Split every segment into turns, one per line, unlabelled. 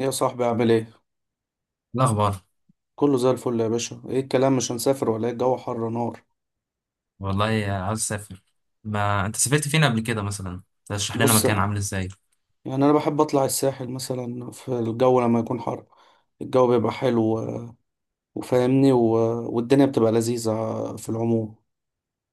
يا صاحبي عامل ايه؟
الأخبار.
كله زي الفل يا باشا، ايه الكلام مش هنسافر ولا ايه الجو حر نار،
والله عاوز أسافر. ما أنت سافرت فين قبل كده مثلا؟ ترشح لنا
بص
مكان،
يعني
عامل إزاي؟
انا بحب اطلع الساحل مثلا في الجو لما يكون حر، الجو بيبقى حلو وفاهمني والدنيا بتبقى لذيذة في العموم.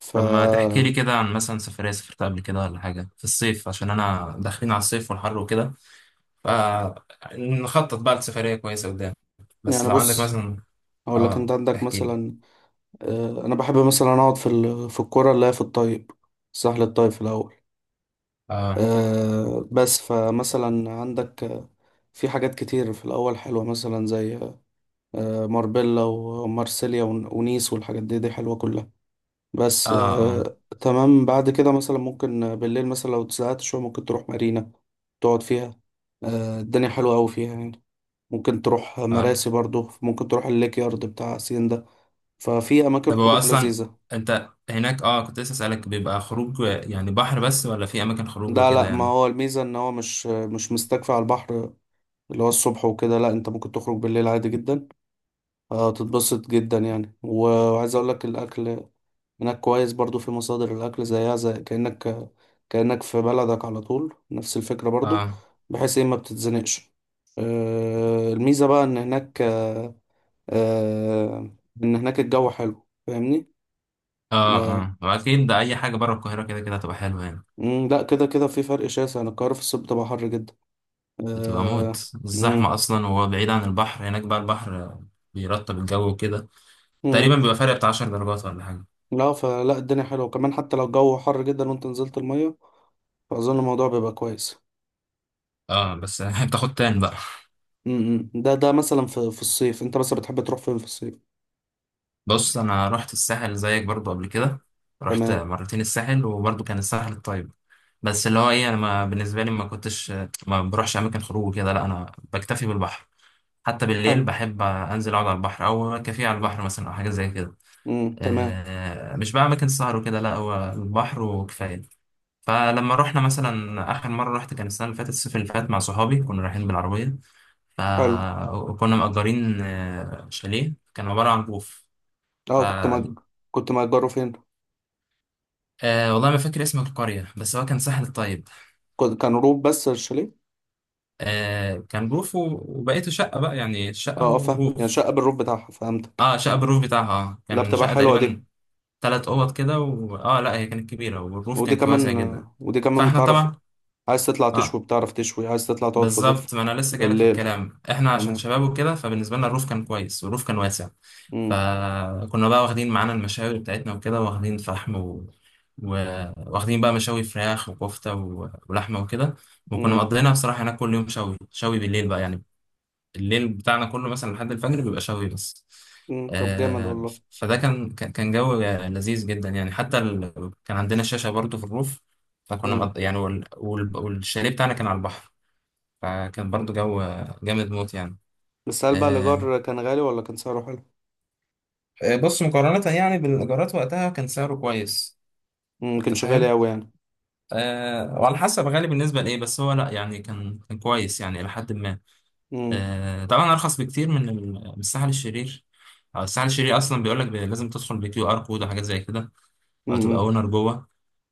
ف
طب ما تحكي لي كده عن مثلا سفرية سافرتها قبل كده ولا حاجة في الصيف، عشان أنا داخلين على الصيف والحر وكده، فنخطط بقى لسفرية كويسة قدام. بس
يعني
لو عندك
بص
مثلا.
اقول لك انت
آه،
عندك
تحكي لي.
مثلا انا بحب مثلا اقعد في في الكرة اللي هي في الطيب، الساحل الطيب في الاول.
آه.
بس فمثلا عندك في حاجات كتير في الاول حلوة مثلا زي ماربيلا ومارسيليا ونيس والحاجات دي دي حلوة كلها.
آه.
بس
آه.
تمام، بعد كده مثلا ممكن بالليل مثلا لو اتزهقت شوية ممكن تروح مارينا تقعد فيها. الدنيا حلوة أوي فيها يعني، ممكن تروح
آه.
مراسي برضو، ممكن تروح الليك يارد بتاع سين ده، ففي أماكن
طب هو
خروج
أصلا،
لذيذة.
أنت هناك كنت لسه أسألك، بيبقى خروج يعني بحر بس ولا في أماكن خروج
ده
وكده
لا، ما
يعني؟
هو الميزة إن هو مش مستكفي على البحر اللي هو الصبح وكده. لا، أنت ممكن تخرج بالليل عادي جدا. تتبسط جدا يعني، وعايز أقولك الأكل هناك كويس برضو، في مصادر الأكل زيها، زي كأنك في بلدك على طول، نفس الفكرة برضو،
آه.
بحيث إيه ما بتتزنقش. الميزة بقى إن هناك آه، إن هناك الجو حلو، فاهمني؟
آه.
آه،
آه. وأكيد ده، أي حاجة بره القاهرة كده كده هتبقى حلوة يعني.
مم، لا كده كده في فرق شاسع. أنا القاهرة في الصيف بتبقى حر جدا.
بتبقى موت
آه، مم.
الزحمة أصلا، وهو بعيد عن البحر. هناك بقى البحر بيرطب الجو وكده، تقريبا
مم.
بيبقى فرق بتاع 10 درجات ولا حاجة.
لا، فلا الدنيا حلوة كمان حتى لو الجو حر جدا وأنت نزلت المية، فأظن الموضوع بيبقى كويس.
اه بس بتاخد تان بقى.
مم. مم. ده مثلا في الصيف، أنت بس بتحب تروح فين في الصيف؟
بص أنا رحت الساحل زيك برضو قبل كده، رحت
تمام.
مرتين الساحل، وبرضو كان الساحل الطيب. بس اللي هو ايه، انا ما بالنسبه لي ما بروحش اماكن خروج كده، لا انا بكتفي بالبحر، حتى بالليل
حلو.
بحب انزل اقعد على البحر، او كافيه على البحر مثلا، او حاجه زي كده.
امم، تمام.
مش بقى اماكن سهر وكده، لا، هو البحر وكفايه. فلما رحنا مثلا آخر مرة، رحت كان السنة اللي فاتت، الصيف اللي فات، مع صحابي، كنا رايحين بالعربية،
حلو.
فكنا مأجرين شاليه، كان عبارة عن بوف.
اه كنت
ف
كنت مأجره فين؟
والله ما فاكر اسم القرية، بس هو كان ساحل الطيب.
كان روف بس الشاليه؟
كان بروف وبقيته شقة بقى، يعني شقة
اه اه، فاهم، يعني
وروف.
شقة بالروف بتاعها، فهمتك.
اه شقة بالروف بتاعها آه.
لا
كان
بتبقى
شقة
حلوة دي،
تقريبا تلات أوض كده اه لا، هي كانت كبيرة، والروف
ودي
كان واسع
كمان
جدا.
ودي كمان
فاحنا
بتعرف
طبعا
عايز تطلع تشوي،
اه
بتعرف تشوي عايز تطلع تقعد في الروف
بالظبط، ما انا لسه جايلك في
بالليل.
الكلام، احنا عشان
تمام.
شباب وكده، فبالنسبه لنا الروف كان كويس، والروف كان واسع.
امم.
فكنا بقى واخدين معانا المشاوي بتاعتنا وكده، واخدين فحم و... واخدين بقى مشاوي فراخ وكفته ولحمه وكده. وكنا
امم.
مقضينا بصراحه هناك كل يوم. شوي شوي بالليل بقى يعني، الليل بتاعنا كله مثلا لحد الفجر بيبقى شوي بس.
امم. طب جامد
آه...
والله.
فده كان جو لذيذ جدا يعني. كان عندنا شاشه برضو في الروف، فكنا
امم.
مقض... يعني وال... وال... والشاليه بتاعنا كان على البحر، فكان برضو جو جامد موت يعني.
بس هل بقى
آه
الإيجار كان غالي ولا كان سعره حلو؟
آه، بص، مقارنة يعني بالإيجارات وقتها، كان سعره كويس،
امم،
أنت
كانش غالي
فاهم؟
أوي يعني.
آه، وعلى حسب غالي بالنسبة لإيه، بس هو لأ يعني، كان كان كويس يعني إلى حد ما.
امم.
آه طبعا أرخص بكتير من الساحل الشرير. أو الساحل الشرير أصلا بيقول لك لازم تدخل بكيو آر كود وحاجات زي كده، أو تبقى
امم.
اونر جوه.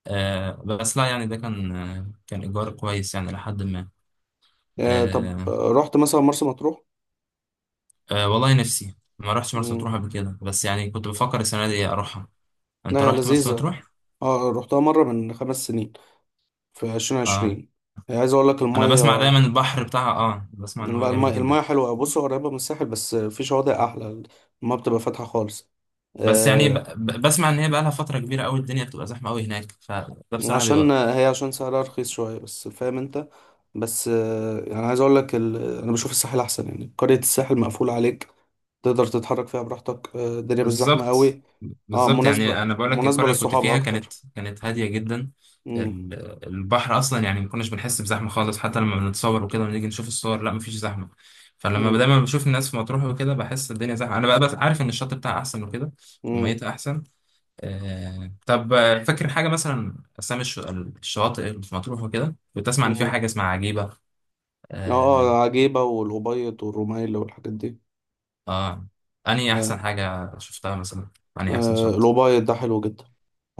بس لأ يعني، ده كان كان إيجار كويس يعني إلى حد ما.
آه، طب
آه.
رحت مثلا مرسى مطروح؟
والله نفسي، ما رحتش مرسى مطروح
امم.
قبل كده، بس يعني كنت بفكر السنة دي أروحها. انت
لا يا
رحت مرسى
لذيذة،
مطروح؟
اه رحتها مرة من 5 سنين، في
اه
2020. عايز اقول لك
انا
الميه،
بسمع دايما البحر بتاعها، بسمع ان هو
لا الميه،
جميل
الميه
جدا.
حلوه. بص هو قريبه من الساحل بس في شواطئ احلى. الميه بتبقى فاتحه خالص.
بس يعني
آه،
بسمع ان هي بقى لها فتره كبيره قوي، الدنيا بتبقى زحمه قوي هناك، فده بصراحه
عشان
بيوقف.
هي، عشان سعرها رخيص شويه، بس فاهم انت. بس يعني عايز اقول لك انا بشوف الساحل احسن، يعني قريه الساحل مقفوله عليك، تقدر تتحرك فيها براحتك. الدنيا مش زحمه
بالظبط.
قوي. اه،
بالظبط يعني،
مناسبه
انا بقول لك القريه اللي كنت
للصحاب
فيها
اكتر.
كانت هاديه جدا.
امم.
ال- البحر اصلا يعني ما كناش بنحس بزحمه خالص، حتى لما بنتصور وكده ونيجي نشوف الصور، لا، مفيش زحمه. فلما
امم.
دايما بشوف الناس في مطروح وكده، بحس الدنيا زحمه. انا بقى بس عارف ان الشط بتاعها احسن وكده،
امم.
وميتها احسن. طب فاكر حاجة مثلا، أسامي الشواطئ اللي في مطروح وكده؟ كنت أسمع إن في حاجة اسمها عجيبة.
اه
آه،
عجيبه، والأبيض والرمايل والحاجات دي.
آه. أنهي
آه.
أحسن حاجة شفتها مثلا؟ أنهي أحسن شط؟
الأوبايد ده حلو جدا،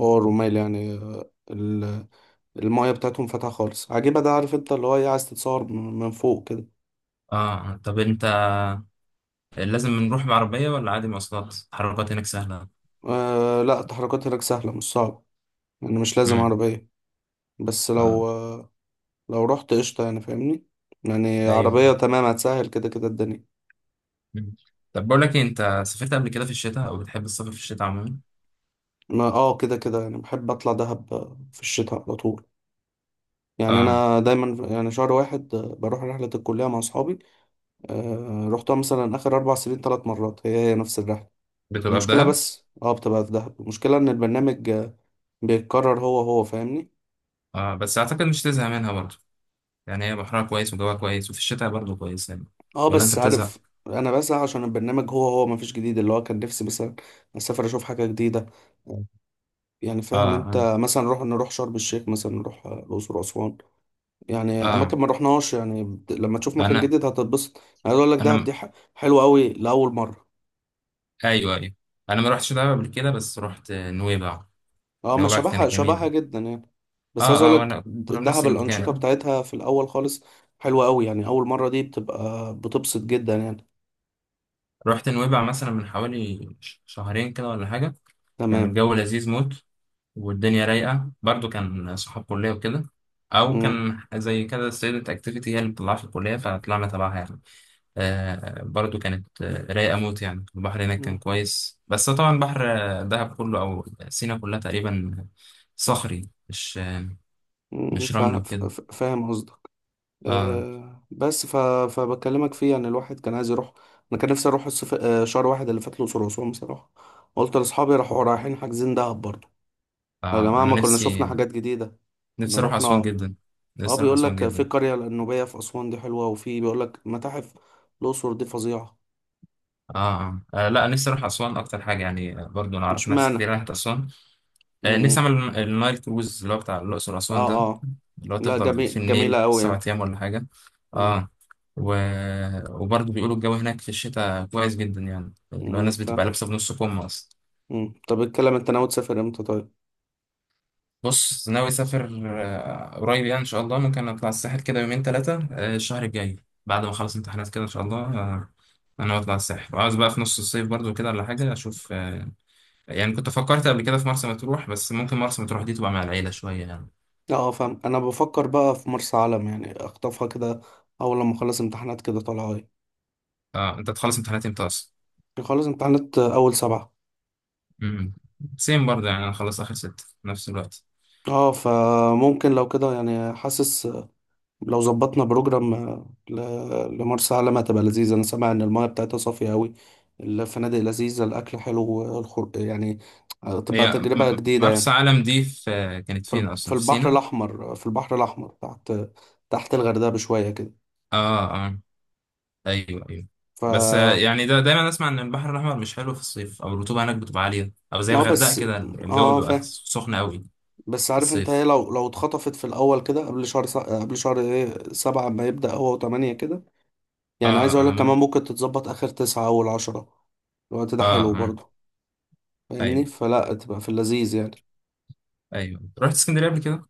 هو الرمال يعني. المايه بتاعتهم فاتحة خالص عجيبة. ده عارف انت اللي هو ايه، عايز تتصور من فوق كده.
طب أنت، لازم نروح بعربية ولا عادي، مواصلات التحركات هناك سهلة؟
آه، لا التحركات هناك سهلة، مش صعبة. يعني مش لازم
امم.
عربية. بس
آه
لو آه، لو رحت قشطة يعني، فاهمني، يعني
أيوة.
عربية تمام هتسهل كده كده الدنيا.
مم. طب بقول لك إيه، أنت سافرت قبل كده في الشتاء، أو بتحب السفر في الشتاء عموما؟
ما اه كده كده يعني بحب اطلع دهب في الشتاء على طول. يعني
آه
انا دايما يعني شهر واحد بروح رحلة الكلية مع اصحابي. آه، رحتها مثلا اخر 4 سنين 3 مرات، هي هي نفس الرحلة.
بتبقى في
المشكلة
دهب.
بس اه بتبقى في دهب، المشكلة ان البرنامج بيتكرر هو هو، فاهمني؟
بس أعتقد مش تزهق منها برضه، يعني هي بحرها كويس، وجوها كويس، وفي الشتاء برضه كويس يعني.
اه
ولا أنت
بس عارف،
بتزهق؟
انا بسعى، عشان البرنامج هو هو مفيش جديد، اللي هو كان نفسي مثلا اسافر اشوف حاجة جديدة. يعني
آه.
فاهم
آه.
انت، مثلا نروح شرم الشيخ، مثلا نروح الاقصر واسوان. يعني
اه
اماكن ما رحناهاش، يعني لما تشوف مكان
انا،
جديد هتتبسط. انا عايز اقول لك
انا
دهب
م-
دي حلوة قوي لاول مرة.
ايوه ايوه، انا ما رحتش دهب قبل كده، بس رحت نويبع.
اه ما
نويبع كانت
شبهها
جميله.
جدا يعني. بس عايز
اه اه،
اقولك
وانا كنا في نفس
دهب الانشطه
المكان.
بتاعتها في الاول خالص حلوه قوي، يعني اول مره دي بتبقى بتبسط جدا يعني.
رحت نويبع مثلا من حوالي شهرين كده ولا حاجه. كان
تمام.
الجو لذيذ موت، والدنيا رايقه برضو، كان صحاب كليه وكده، او
امم.
كان زي كده ستودنت اكتيفيتي هي اللي بتطلعها في الكليه، فطلعنا تبعها يعني. آه برضو كانت رايقه موت يعني. البحر هناك كان كويس، بس طبعا بحر دهب كله او سينا كلها تقريبا صخري،
امم.
مش رمل وكده.
فاهم قصدك.
اه
أه بس فبكلمك فيه، يعني الواحد كان عايز يروح. انا كان نفسي اروح الصف... آه، شهر واحد اللي فات الاقصر واسوان بصراحه، قلت لاصحابي راحوا رايحين حاجزين دهب برضه. يا
اه،
جماعه
انا
ما كنا شفنا حاجات جديده، كنا
نفسي اروح
رحنا.
اسوان جدا.
اه
نفسي اروح
بيقول
اسوان
لك في
جدا.
القرية النوبية في أسوان دي حلوة، وفي بيقول لك متاحف الأقصر دي فظيعة.
آه، آه. اه لا، نفسي اروح اسوان اكتر حاجه يعني. برضو انا اعرف ناس كتير
اشمعنى؟
راحت اسوان. نفسي
امم.
اعمل النايل كروز اللي هو بتاع الاقصر اسوان
اه
ده،
اه.
اللي هو
لا
تفضل في
جميل،
النيل
جميلة أوي
سبع
يعني.
ايام ولا حاجه.
امم.
اه. و... وبرضو بيقولوا الجو هناك في الشتاء كويس جدا، يعني اللي هو
امم،
الناس بتبقى
فاهم.
لابسه بنص كم اصلا.
امم، طب اتكلم، انت ناوي تسافر امتى طيب؟
بص، ناوي اسافر قريب، يعني ان شاء الله ممكن اطلع الساحل كده يومين ثلاثه، الشهر الجاي، بعد ما اخلص امتحانات كده ان شاء الله. انا ناوي اطلع الساحل، وعاوز بقى في نص الصيف برضو كده ولا حاجه اشوف. يعني كنت فكرت قبل كده في مرسى مطروح، بس ممكن مرسى مطروح دي تبقى مع العيله شويه يعني.
اه فاهم. انا بفكر بقى في مرسى علم، يعني اخطفها كده اول لما اخلص امتحانات كده. طالعة ايه؟
اه انت تخلص امتحانات امتى اصلا؟
اخلص امتحانات اول سبعة.
امم، سيم برضو يعني، انا خلصت اخر ستة في نفس الوقت.
اه فممكن لو كده يعني، حاسس لو ظبطنا بروجرام لمرسى علم هتبقى لذيذة. أنا سامع إن المايه بتاعتها صافية أوي، الفنادق لذيذة، الأكل حلو، يعني هتبقى
هي م-
تجربة جديدة
مرسى
يعني.
علم دي في كانت
في
فين
في
اصلا، في
البحر
سينا؟
الأحمر. في البحر الأحمر تحت، تحت الغردقة بشوية كده.
اه اه، ايوه ايوه. بس
ف
يعني ده دايما اسمع ان البحر الاحمر مش حلو في الصيف، او الرطوبه هناك بتبقى عاليه، او زي
اه
الغردقه
بس،
كده الجو
اه
بيبقى
فاهم.
سخن قوي
بس
في
عارف انت ايه،
الصيف.
لو اتخطفت في الأول كده قبل شهر قبل شهر ايه سبعة، ما يبدأ هو وتمانية كده.
اه
يعني عايز أقولك
اه
كمان ممكن تتظبط آخر تسعة أول عشرة، الوقت ده
اه، آه.
حلو
آه.
برضه، فاهمني؟
ايوه
فلا تبقى في اللذيذ يعني.
ايوه، رحت اسكندريه قبل كده،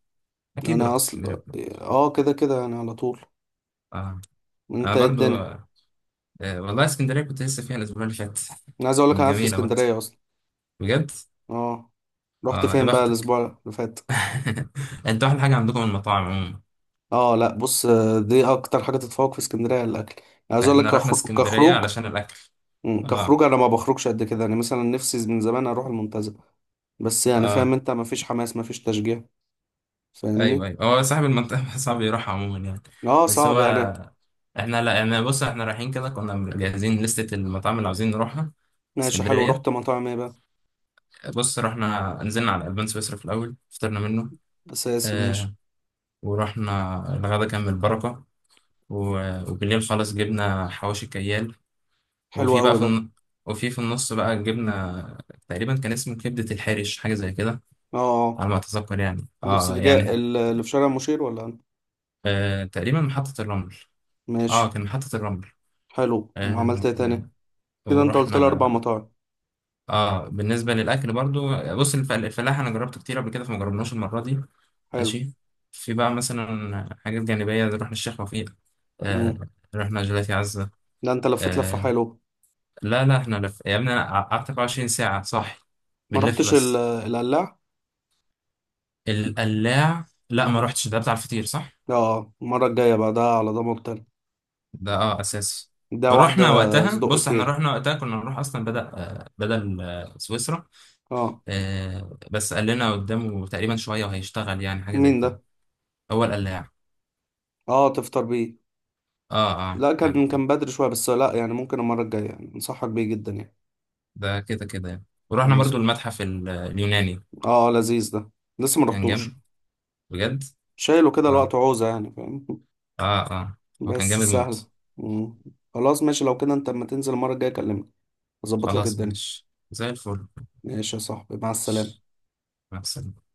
اكيد
انا
رحت اسكندريه
اصلا
قبل كده.
اه كده كده يعني على طول.
اه انا
انت ايه
برضو
الدنيا؟
والله اسكندريه كنت لسه فيها الاسبوع اللي فات.
انا عايز اقول لك انا
كانت
قاعد في
جميله برضو،
اسكندريه اصلا.
بجد.
اه رحت
اه، يا
فين بقى
بختك.
الاسبوع اللي فات؟
انتوا احلى حاجه عندكم المطاعم عموما.
اه لا بص دي اكتر حاجه تتفوق في اسكندريه، الاكل. أنا عايز اقول لك
احنا رحنا اسكندريه
كخروج،
علشان الاكل.
مم،
اه
كخروج انا ما بخرجش قد كده. يعني مثلا نفسي من زمان اروح المنتزه، بس يعني فاهم
اه،
انت، ما فيش حماس، ما فيش تشجيع،
ايوه
فاهمني.
ايوه، هو صاحب المنطقه صعب يروح عموما يعني.
اه
بس هو
صعب يعني.
احنا، لا يعني، بص احنا رايحين كده كنا مجهزين لستة المطاعم اللي عاوزين نروحها.
ماشي حلو،
اسكندرية.
رحت مطاعم ايه بقى؟
بص، رحنا نزلنا على البان سويسرا في الأول، فطرنا منه.
اساسي. ماشي.
اه. ورحنا الغدا كان من البركة. وبالليل خلاص جبنا حواوشي كيال.
حلو
وفي بقى
قوي
في
ده.
الن... وفي في النص بقى جبنا تقريبا، كان اسمه كبدة الحرش حاجة زي كده،
اه. آه.
على ما أتذكر يعني. اه
الاسترجاع
يعني
اللي في شارع مشير ولا أنا؟
آه، تقريبا محطة الرمل.
ماشي.
اه كان محطة الرمل.
حلو، وعملت
آه،
ايه تاني؟ كده انت قلت
ورحنا
لي اربع
على.
مطاعم.
اه، بالنسبه للاكل برضو، بص الفلاح انا جربته كتير قبل كده، فما جربناش المره دي.
حلو.
ماشي. في بقى مثلا حاجات جانبيه، زي رحنا الشيخ وفيق. آه
امم.
رحنا جيلاتي عزه.
ده انت لفيت لفه
آه
حلو.
لا لا، احنا لف يا ابني، انا قعدت 24 ساعه صح،
ما
بنلف
رحتش
بس.
القلاع؟
القلاع لا ما
امم.
رحتش، ده بتاع الفطير صح؟
اه، المره الجايه بقى ده على ضمانتي أنا.
ده اه اساسي.
ده واحده.
رحنا وقتها،
صدق
بص احنا
كيري.
رحنا وقتها كنا نروح اصلا، بدأ آه، بدل سويسرا.
اه
بس قال لنا قدامه تقريبا شوية وهيشتغل يعني، حاجة
مين
زي
ده؟
كده. هو القلاع.
اه تفطر بيه.
اه اه
لا
يعني،
كان بدري شويه، بس لا يعني ممكن المره الجايه، يعني انصحك بيه جدا يعني.
ده كده كده يعني. ورحنا
خلاص.
برضو المتحف اليوناني.
اه لذيذ ده، لسه ما
كان جامد،
رحتوش.
بجد.
شايله كده الوقت
اه
عوزه، يعني فاهم.
اه اه، هو كان
بس
جامد
سهلة.
موت.
مم. خلاص ماشي، لو كده انت اما تنزل المرة الجاية كلمني، اظبط لك
خلاص
الدنيا.
ماشي زي الفل.
ماشي يا صاحبي، مع السلامة.
مع السلامة.